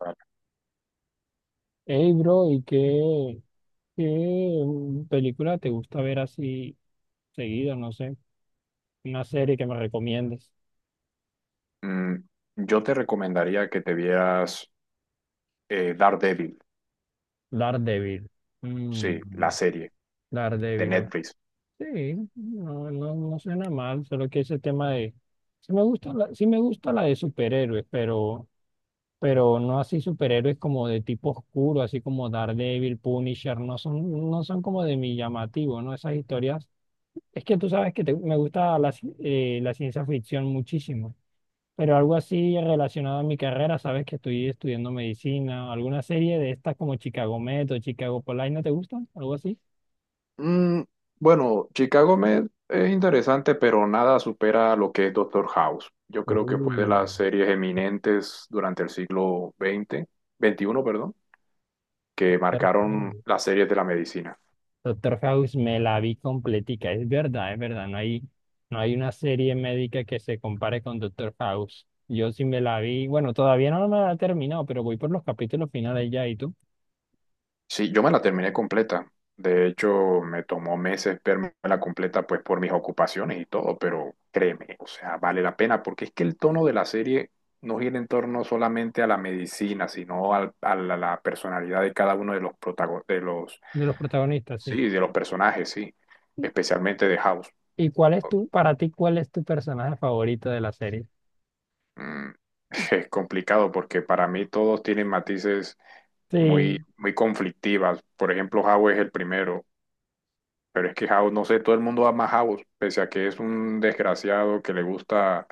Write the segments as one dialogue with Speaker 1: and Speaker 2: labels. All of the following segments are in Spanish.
Speaker 1: Vale.
Speaker 2: Hey, bro, ¿y qué película te gusta ver así seguido? No sé, una serie que me recomiendes.
Speaker 1: Mm, yo te recomendaría que te vieras Daredevil,
Speaker 2: Daredevil. Mm,
Speaker 1: sí, la serie de
Speaker 2: Daredevil. Ok.
Speaker 1: Netflix.
Speaker 2: Sí, no, no, no suena mal, solo que ese tema de... Sí me gusta sí me gusta la de superhéroes, pero no así superhéroes como de tipo oscuro, así como Daredevil, Punisher, no son como de mi llamativo, ¿no? Esas historias. Es que tú sabes que me gusta la ciencia ficción muchísimo. Pero algo así relacionado a mi carrera, sabes que estoy estudiando medicina, alguna serie de estas como Chicago Med o Chicago Police, ¿no te gustan? Algo así.
Speaker 1: Mm, bueno, Chicago Med es interesante, pero nada supera lo que es Doctor House. Yo creo que fue de
Speaker 2: Oh,
Speaker 1: las series eminentes durante el siglo veinte, veintiuno, perdón, que
Speaker 2: Doctor
Speaker 1: marcaron
Speaker 2: House.
Speaker 1: las series de la medicina.
Speaker 2: Doctor House me la vi completica, es verdad, no hay una serie médica que se compare con Doctor House. Yo sí me la vi, bueno, todavía no me la he terminado, pero voy por los capítulos finales ya, ¿y tú?
Speaker 1: Sí, yo me la terminé completa. De hecho, me tomó meses verme la completa, pues por mis ocupaciones y todo, pero créeme, o sea, vale la pena, porque es que el tono de la serie no gira en torno solamente a la medicina, sino a la personalidad de cada uno de los de los,
Speaker 2: De los protagonistas, sí.
Speaker 1: sí, de los personajes, sí, especialmente de House.
Speaker 2: ¿Y cuál es para ti, cuál es tu personaje favorito de la serie?
Speaker 1: Mm, es complicado porque para mí todos tienen matices muy,
Speaker 2: Sí.
Speaker 1: muy conflictivas. Por ejemplo, House es el primero. Pero es que House, no sé, todo el mundo ama a House, pese a que es un desgraciado que le gusta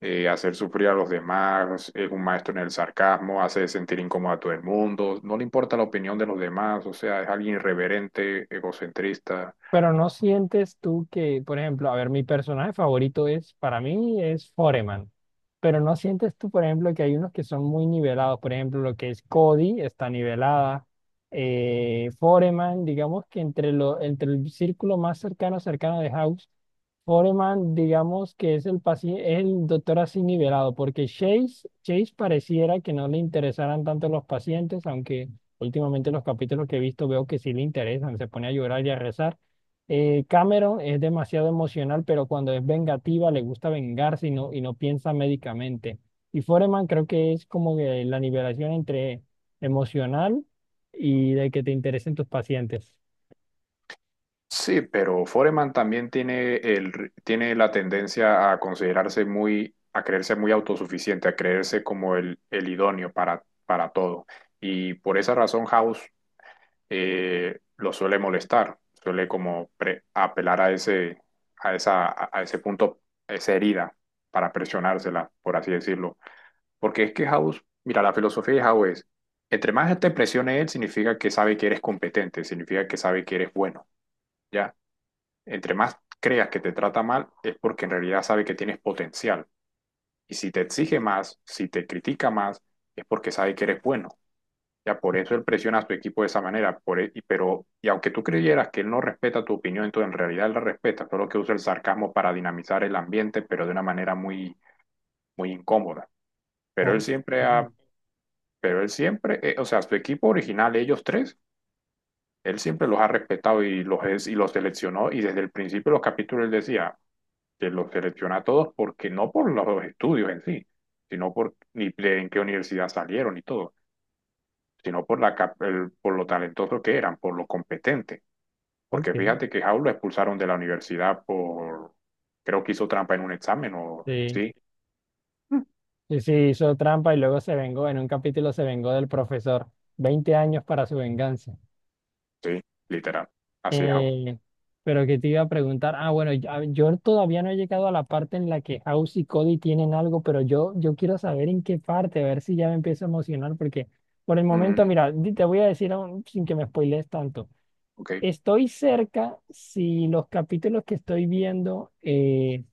Speaker 1: hacer sufrir a los demás, es un maestro en el sarcasmo, hace sentir incómodo a todo el mundo, no le importa la opinión de los demás, o sea, es alguien irreverente, egocentrista.
Speaker 2: Pero no sientes tú que, por ejemplo, a ver, mi personaje favorito es, para mí, es Foreman. Pero no sientes tú, por ejemplo, que hay unos que son muy nivelados. Por ejemplo, lo que es Cody está nivelada. Foreman, digamos que entre el círculo más cercano de House, Foreman, digamos que es el es el doctor así nivelado, porque Chase pareciera que no le interesaran tanto los pacientes, aunque últimamente los capítulos que he visto veo que sí le interesan, se pone a llorar y a rezar. Cameron es demasiado emocional, pero cuando es vengativa le gusta vengarse y no piensa médicamente. Y Foreman creo que es como que la nivelación entre emocional y de que te interesen tus pacientes.
Speaker 1: Sí, pero Foreman también tiene, el, tiene la tendencia a considerarse muy, a creerse muy autosuficiente, a creerse como el idóneo para todo. Y por esa razón House lo suele molestar, suele como apelar a ese, a esa, a ese punto, a esa herida, para presionársela, por así decirlo. Porque es que House, mira, la filosofía de House es, entre más te presione él, significa que sabe que eres competente, significa que sabe que eres bueno, ¿ya? Entre más creas que te trata mal, es porque en realidad sabe que tienes potencial. Y si te exige más, si te critica más, es porque sabe que eres bueno. Ya por eso él presiona a su equipo de esa manera, pero y aunque tú creyeras que él no respeta tu opinión, entonces en realidad él la respeta, solo que usa el sarcasmo para dinamizar el ambiente, pero de una manera muy muy incómoda. Pero él
Speaker 2: Ok,
Speaker 1: siempre ha, pero él siempre, o sea, su equipo original, ellos tres, él siempre los ha respetado y los seleccionó y desde el principio de los capítulos él decía que los selecciona a todos porque no por los estudios en sí, sino por ni de en qué universidad salieron y todo, sino por por lo talentosos que eran, por lo competentes. Porque
Speaker 2: ok,
Speaker 1: fíjate que Jau lo expulsaron de la universidad por, creo que hizo trampa en un examen o
Speaker 2: sí.
Speaker 1: sí. Mm.
Speaker 2: Sí, sí, hizo trampa y luego se vengó, en un capítulo se vengó del profesor. 20 años para su venganza.
Speaker 1: Sí, literal. Así es, House.
Speaker 2: Eh, pero que te iba a preguntar, ah, bueno, yo todavía no he llegado a la parte en la que House y Cody tienen algo, pero yo quiero saber en qué parte, a ver si ya me empiezo a emocionar, porque por el momento,
Speaker 1: Mm,
Speaker 2: mira, te voy a decir aún sin que me spoilees tanto.
Speaker 1: ok.
Speaker 2: Estoy cerca si los capítulos que estoy viendo eh,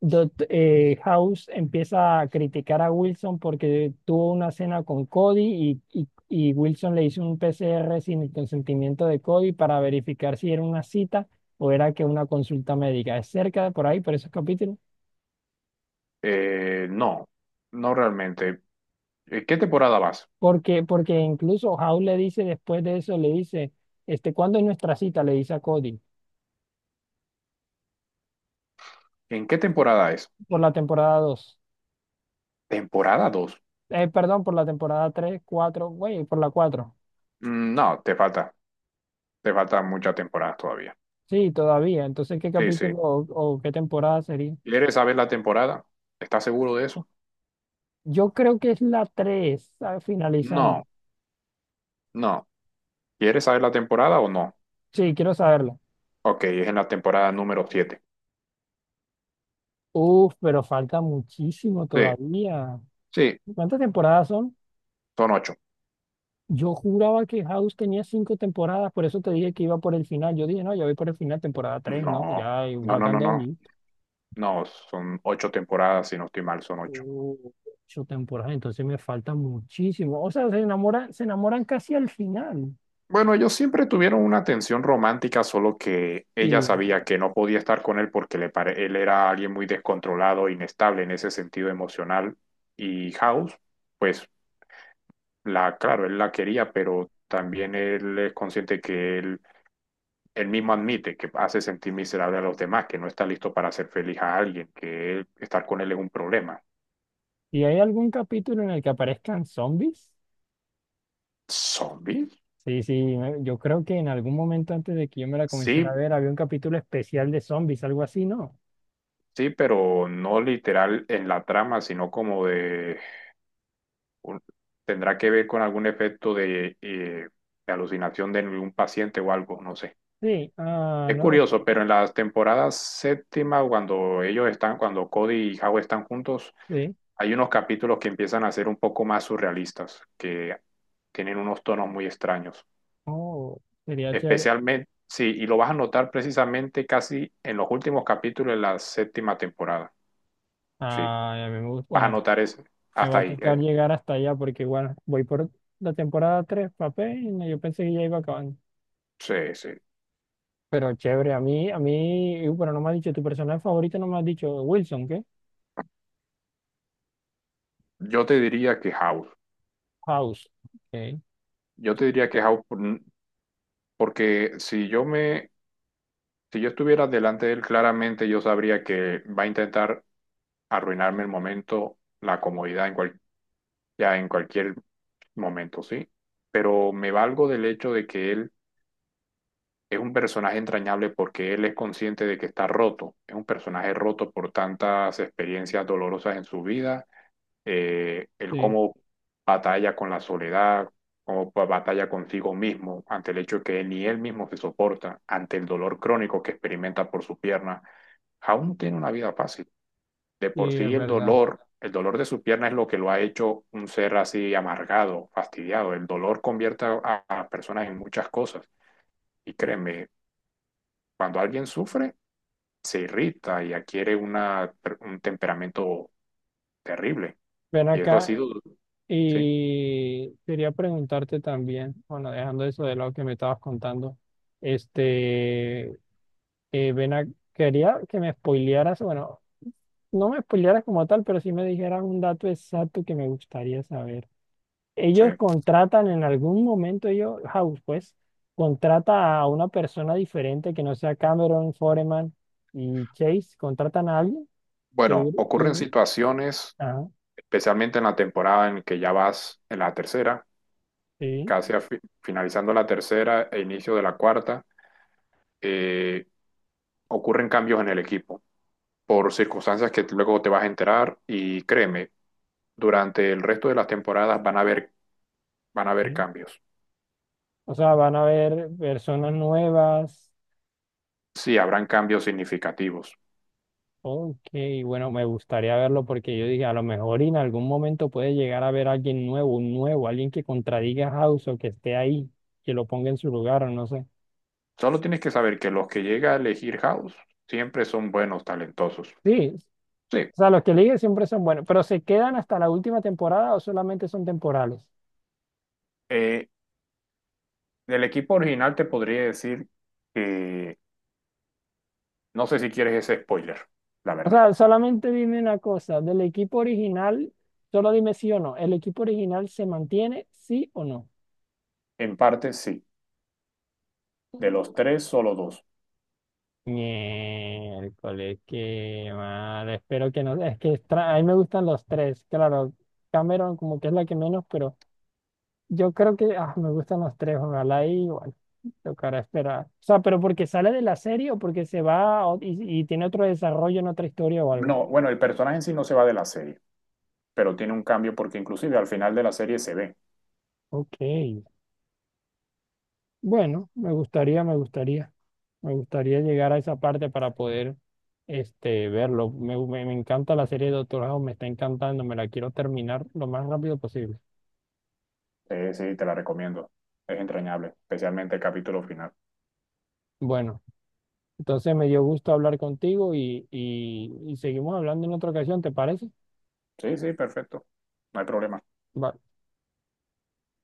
Speaker 2: Dot, eh, House empieza a criticar a Wilson porque tuvo una cena con Cody y Wilson le hizo un PCR sin el consentimiento de Cody para verificar si era una cita o era que una consulta médica. Es cerca de por ahí, por esos capítulos.
Speaker 1: No, no realmente. ¿En qué temporada vas?
Speaker 2: Porque incluso House le dice después de eso, le dice, ¿cuándo es nuestra cita? Le dice a Cody,
Speaker 1: ¿En qué temporada es?
Speaker 2: por la temporada dos.
Speaker 1: ¿Temporada 2?
Speaker 2: Perdón, por la temporada 3 4 güey, por la cuatro.
Speaker 1: No, te falta. Te faltan muchas temporadas todavía.
Speaker 2: Sí, todavía. Entonces, ¿qué
Speaker 1: Sí, sí.
Speaker 2: capítulo o qué temporada sería?
Speaker 1: ¿Quieres saber la temporada? ¿Estás seguro de eso?
Speaker 2: Yo creo que es la tres, ¿sabes?, finalizando.
Speaker 1: No, no. ¿Quieres saber la temporada o no?
Speaker 2: Sí, quiero saberla.
Speaker 1: Ok, es en la temporada número siete.
Speaker 2: Uf, pero falta muchísimo
Speaker 1: Sí,
Speaker 2: todavía.
Speaker 1: sí,
Speaker 2: ¿Cuántas temporadas son?
Speaker 1: son ocho.
Speaker 2: Yo juraba que House tenía cinco temporadas, por eso te dije que iba por el final. Yo dije, no, ya voy por el final, temporada 3, ¿no?
Speaker 1: No,
Speaker 2: Ya y
Speaker 1: no, no,
Speaker 2: faltan
Speaker 1: no,
Speaker 2: dos
Speaker 1: no.
Speaker 2: y
Speaker 1: No, son ocho temporadas, si no estoy mal, son ocho.
Speaker 2: uh, ocho temporadas, entonces me falta muchísimo. O sea, se enamoran casi al final.
Speaker 1: Bueno, ellos siempre tuvieron una tensión romántica, solo que ella
Speaker 2: Sí.
Speaker 1: sabía que no podía estar con él porque él era alguien muy descontrolado, inestable en ese sentido emocional. Y House, pues, la, claro, él la quería, pero también él es consciente que él mismo admite que hace sentir miserable a los demás, que no está listo para hacer feliz a alguien, que estar con él es un problema.
Speaker 2: ¿Y hay algún capítulo en el que aparezcan zombies?
Speaker 1: ¿Zombie?
Speaker 2: Sí, sí, yo creo que en algún momento antes de que yo me la comenzara a
Speaker 1: Sí,
Speaker 2: ver, había un capítulo especial de zombies, algo así, ¿no?
Speaker 1: sí, pero no literal en la trama, sino como de... un- tendrá que ver con algún efecto de alucinación de algún paciente o algo, no sé.
Speaker 2: Sí, ah,
Speaker 1: Es
Speaker 2: no,
Speaker 1: curioso, pero en las temporadas séptima, cuando ellos están, cuando Cody y Howe están juntos,
Speaker 2: sí,
Speaker 1: hay unos capítulos que empiezan a ser un poco más surrealistas, que tienen unos tonos muy extraños.
Speaker 2: oh, sería chévere.
Speaker 1: Especialmente, sí, y lo vas a notar precisamente casi en los últimos capítulos de la séptima temporada. Sí,
Speaker 2: Ah, a mí me gusta,
Speaker 1: vas a
Speaker 2: bueno,
Speaker 1: notar eso.
Speaker 2: me va
Speaker 1: Hasta
Speaker 2: a
Speaker 1: ahí.
Speaker 2: tocar llegar hasta allá porque, bueno, voy por la temporada 3, papel, y yo pensé que ya iba acabando.
Speaker 1: Sí, sí.
Speaker 2: Pero chévere, bueno, no me has dicho, tu personaje favorito no me has dicho, Wilson, ¿qué?
Speaker 1: Yo te diría que House.
Speaker 2: House, ok,
Speaker 1: Yo te diría que House, por- Porque si yo estuviera delante de él, claramente yo sabría que va a intentar arruinarme el momento, la comodidad en ya en cualquier momento, ¿sí? Pero me valgo del hecho de que él es un personaje entrañable porque él es consciente de que está roto. Es un personaje roto por tantas experiencias dolorosas en su vida, el
Speaker 2: sí,
Speaker 1: cómo batalla con la soledad, cómo batalla consigo mismo ante el hecho de que ni él mismo se soporta, ante el dolor crónico que experimenta por su pierna, aún tiene una vida fácil. De por
Speaker 2: sí, es
Speaker 1: sí
Speaker 2: verdad.
Speaker 1: el dolor de su pierna es lo que lo ha hecho un ser así amargado, fastidiado. El dolor convierte a personas en muchas cosas. Y créeme, cuando alguien sufre, se irrita y adquiere un temperamento terrible.
Speaker 2: Ven
Speaker 1: Y eso ha
Speaker 2: acá.
Speaker 1: sido, sí,
Speaker 2: Y quería preguntarte también, bueno, dejando eso de lado que me estabas contando, este, eh, ven a- quería que me spoilearas, bueno, no me spoilearas como tal, pero sí me dijeras un dato exacto que me gustaría saber.
Speaker 1: sí.
Speaker 2: Ellos contratan en algún momento, House, pues, contrata a una persona diferente que no sea Cameron, Foreman y Chase, contratan a alguien que
Speaker 1: Bueno, ocurren situaciones,
Speaker 2: ah,
Speaker 1: especialmente en la temporada en que ya vas en la tercera,
Speaker 2: sí,
Speaker 1: casi a finalizando la tercera e inicio de la cuarta, eh, ocurren cambios en el equipo por circunstancias que luego te vas a enterar y créeme, durante el resto de las temporadas van a haber
Speaker 2: sí.
Speaker 1: cambios.
Speaker 2: O sea, van a haber personas nuevas.
Speaker 1: Sí, habrán cambios significativos.
Speaker 2: Ok, bueno, me gustaría verlo porque yo dije, a lo mejor y en algún momento puede llegar a ver a alguien nuevo, alguien que contradiga a House o que esté ahí, que lo ponga en su lugar o no sé.
Speaker 1: Solo tienes que saber que los que llega a elegir House siempre son buenos, talentosos.
Speaker 2: Sí,
Speaker 1: Sí,
Speaker 2: o sea, los que eligen siempre son buenos, pero ¿se quedan hasta la última temporada o solamente son temporales?
Speaker 1: eh, del equipo original te podría decir. No sé si quieres ese spoiler, la
Speaker 2: O
Speaker 1: verdad.
Speaker 2: sea, solamente dime una cosa, del equipo original, solo dime sí o no, ¿el equipo original se mantiene, sí o no?
Speaker 1: En parte sí. De los tres, solo dos.
Speaker 2: Miércoles, qué mal. Espero que no. Es que a mí me gustan los tres. Claro, Cameron como que es la que menos, pero yo creo que ah, me gustan los tres. Ojalá y bueno, tocará esperar. O sea, pero porque sale de la serie o porque se va a y tiene otro desarrollo en otra historia o algo.
Speaker 1: No, bueno, el personaje en sí no se va de la serie, pero tiene un cambio porque inclusive al final de la serie se ve.
Speaker 2: Ok. Bueno, me gustaría. Me gustaría llegar a esa parte para poder verlo. Me encanta la serie de Doctor House, me está encantando, me la quiero terminar lo más rápido posible.
Speaker 1: Sí, sí, te la recomiendo. Es entrañable, especialmente el capítulo final.
Speaker 2: Bueno, entonces me dio gusto hablar contigo y seguimos hablando en otra ocasión, ¿te parece?
Speaker 1: Sí, sí, perfecto. No hay problema.
Speaker 2: Vale.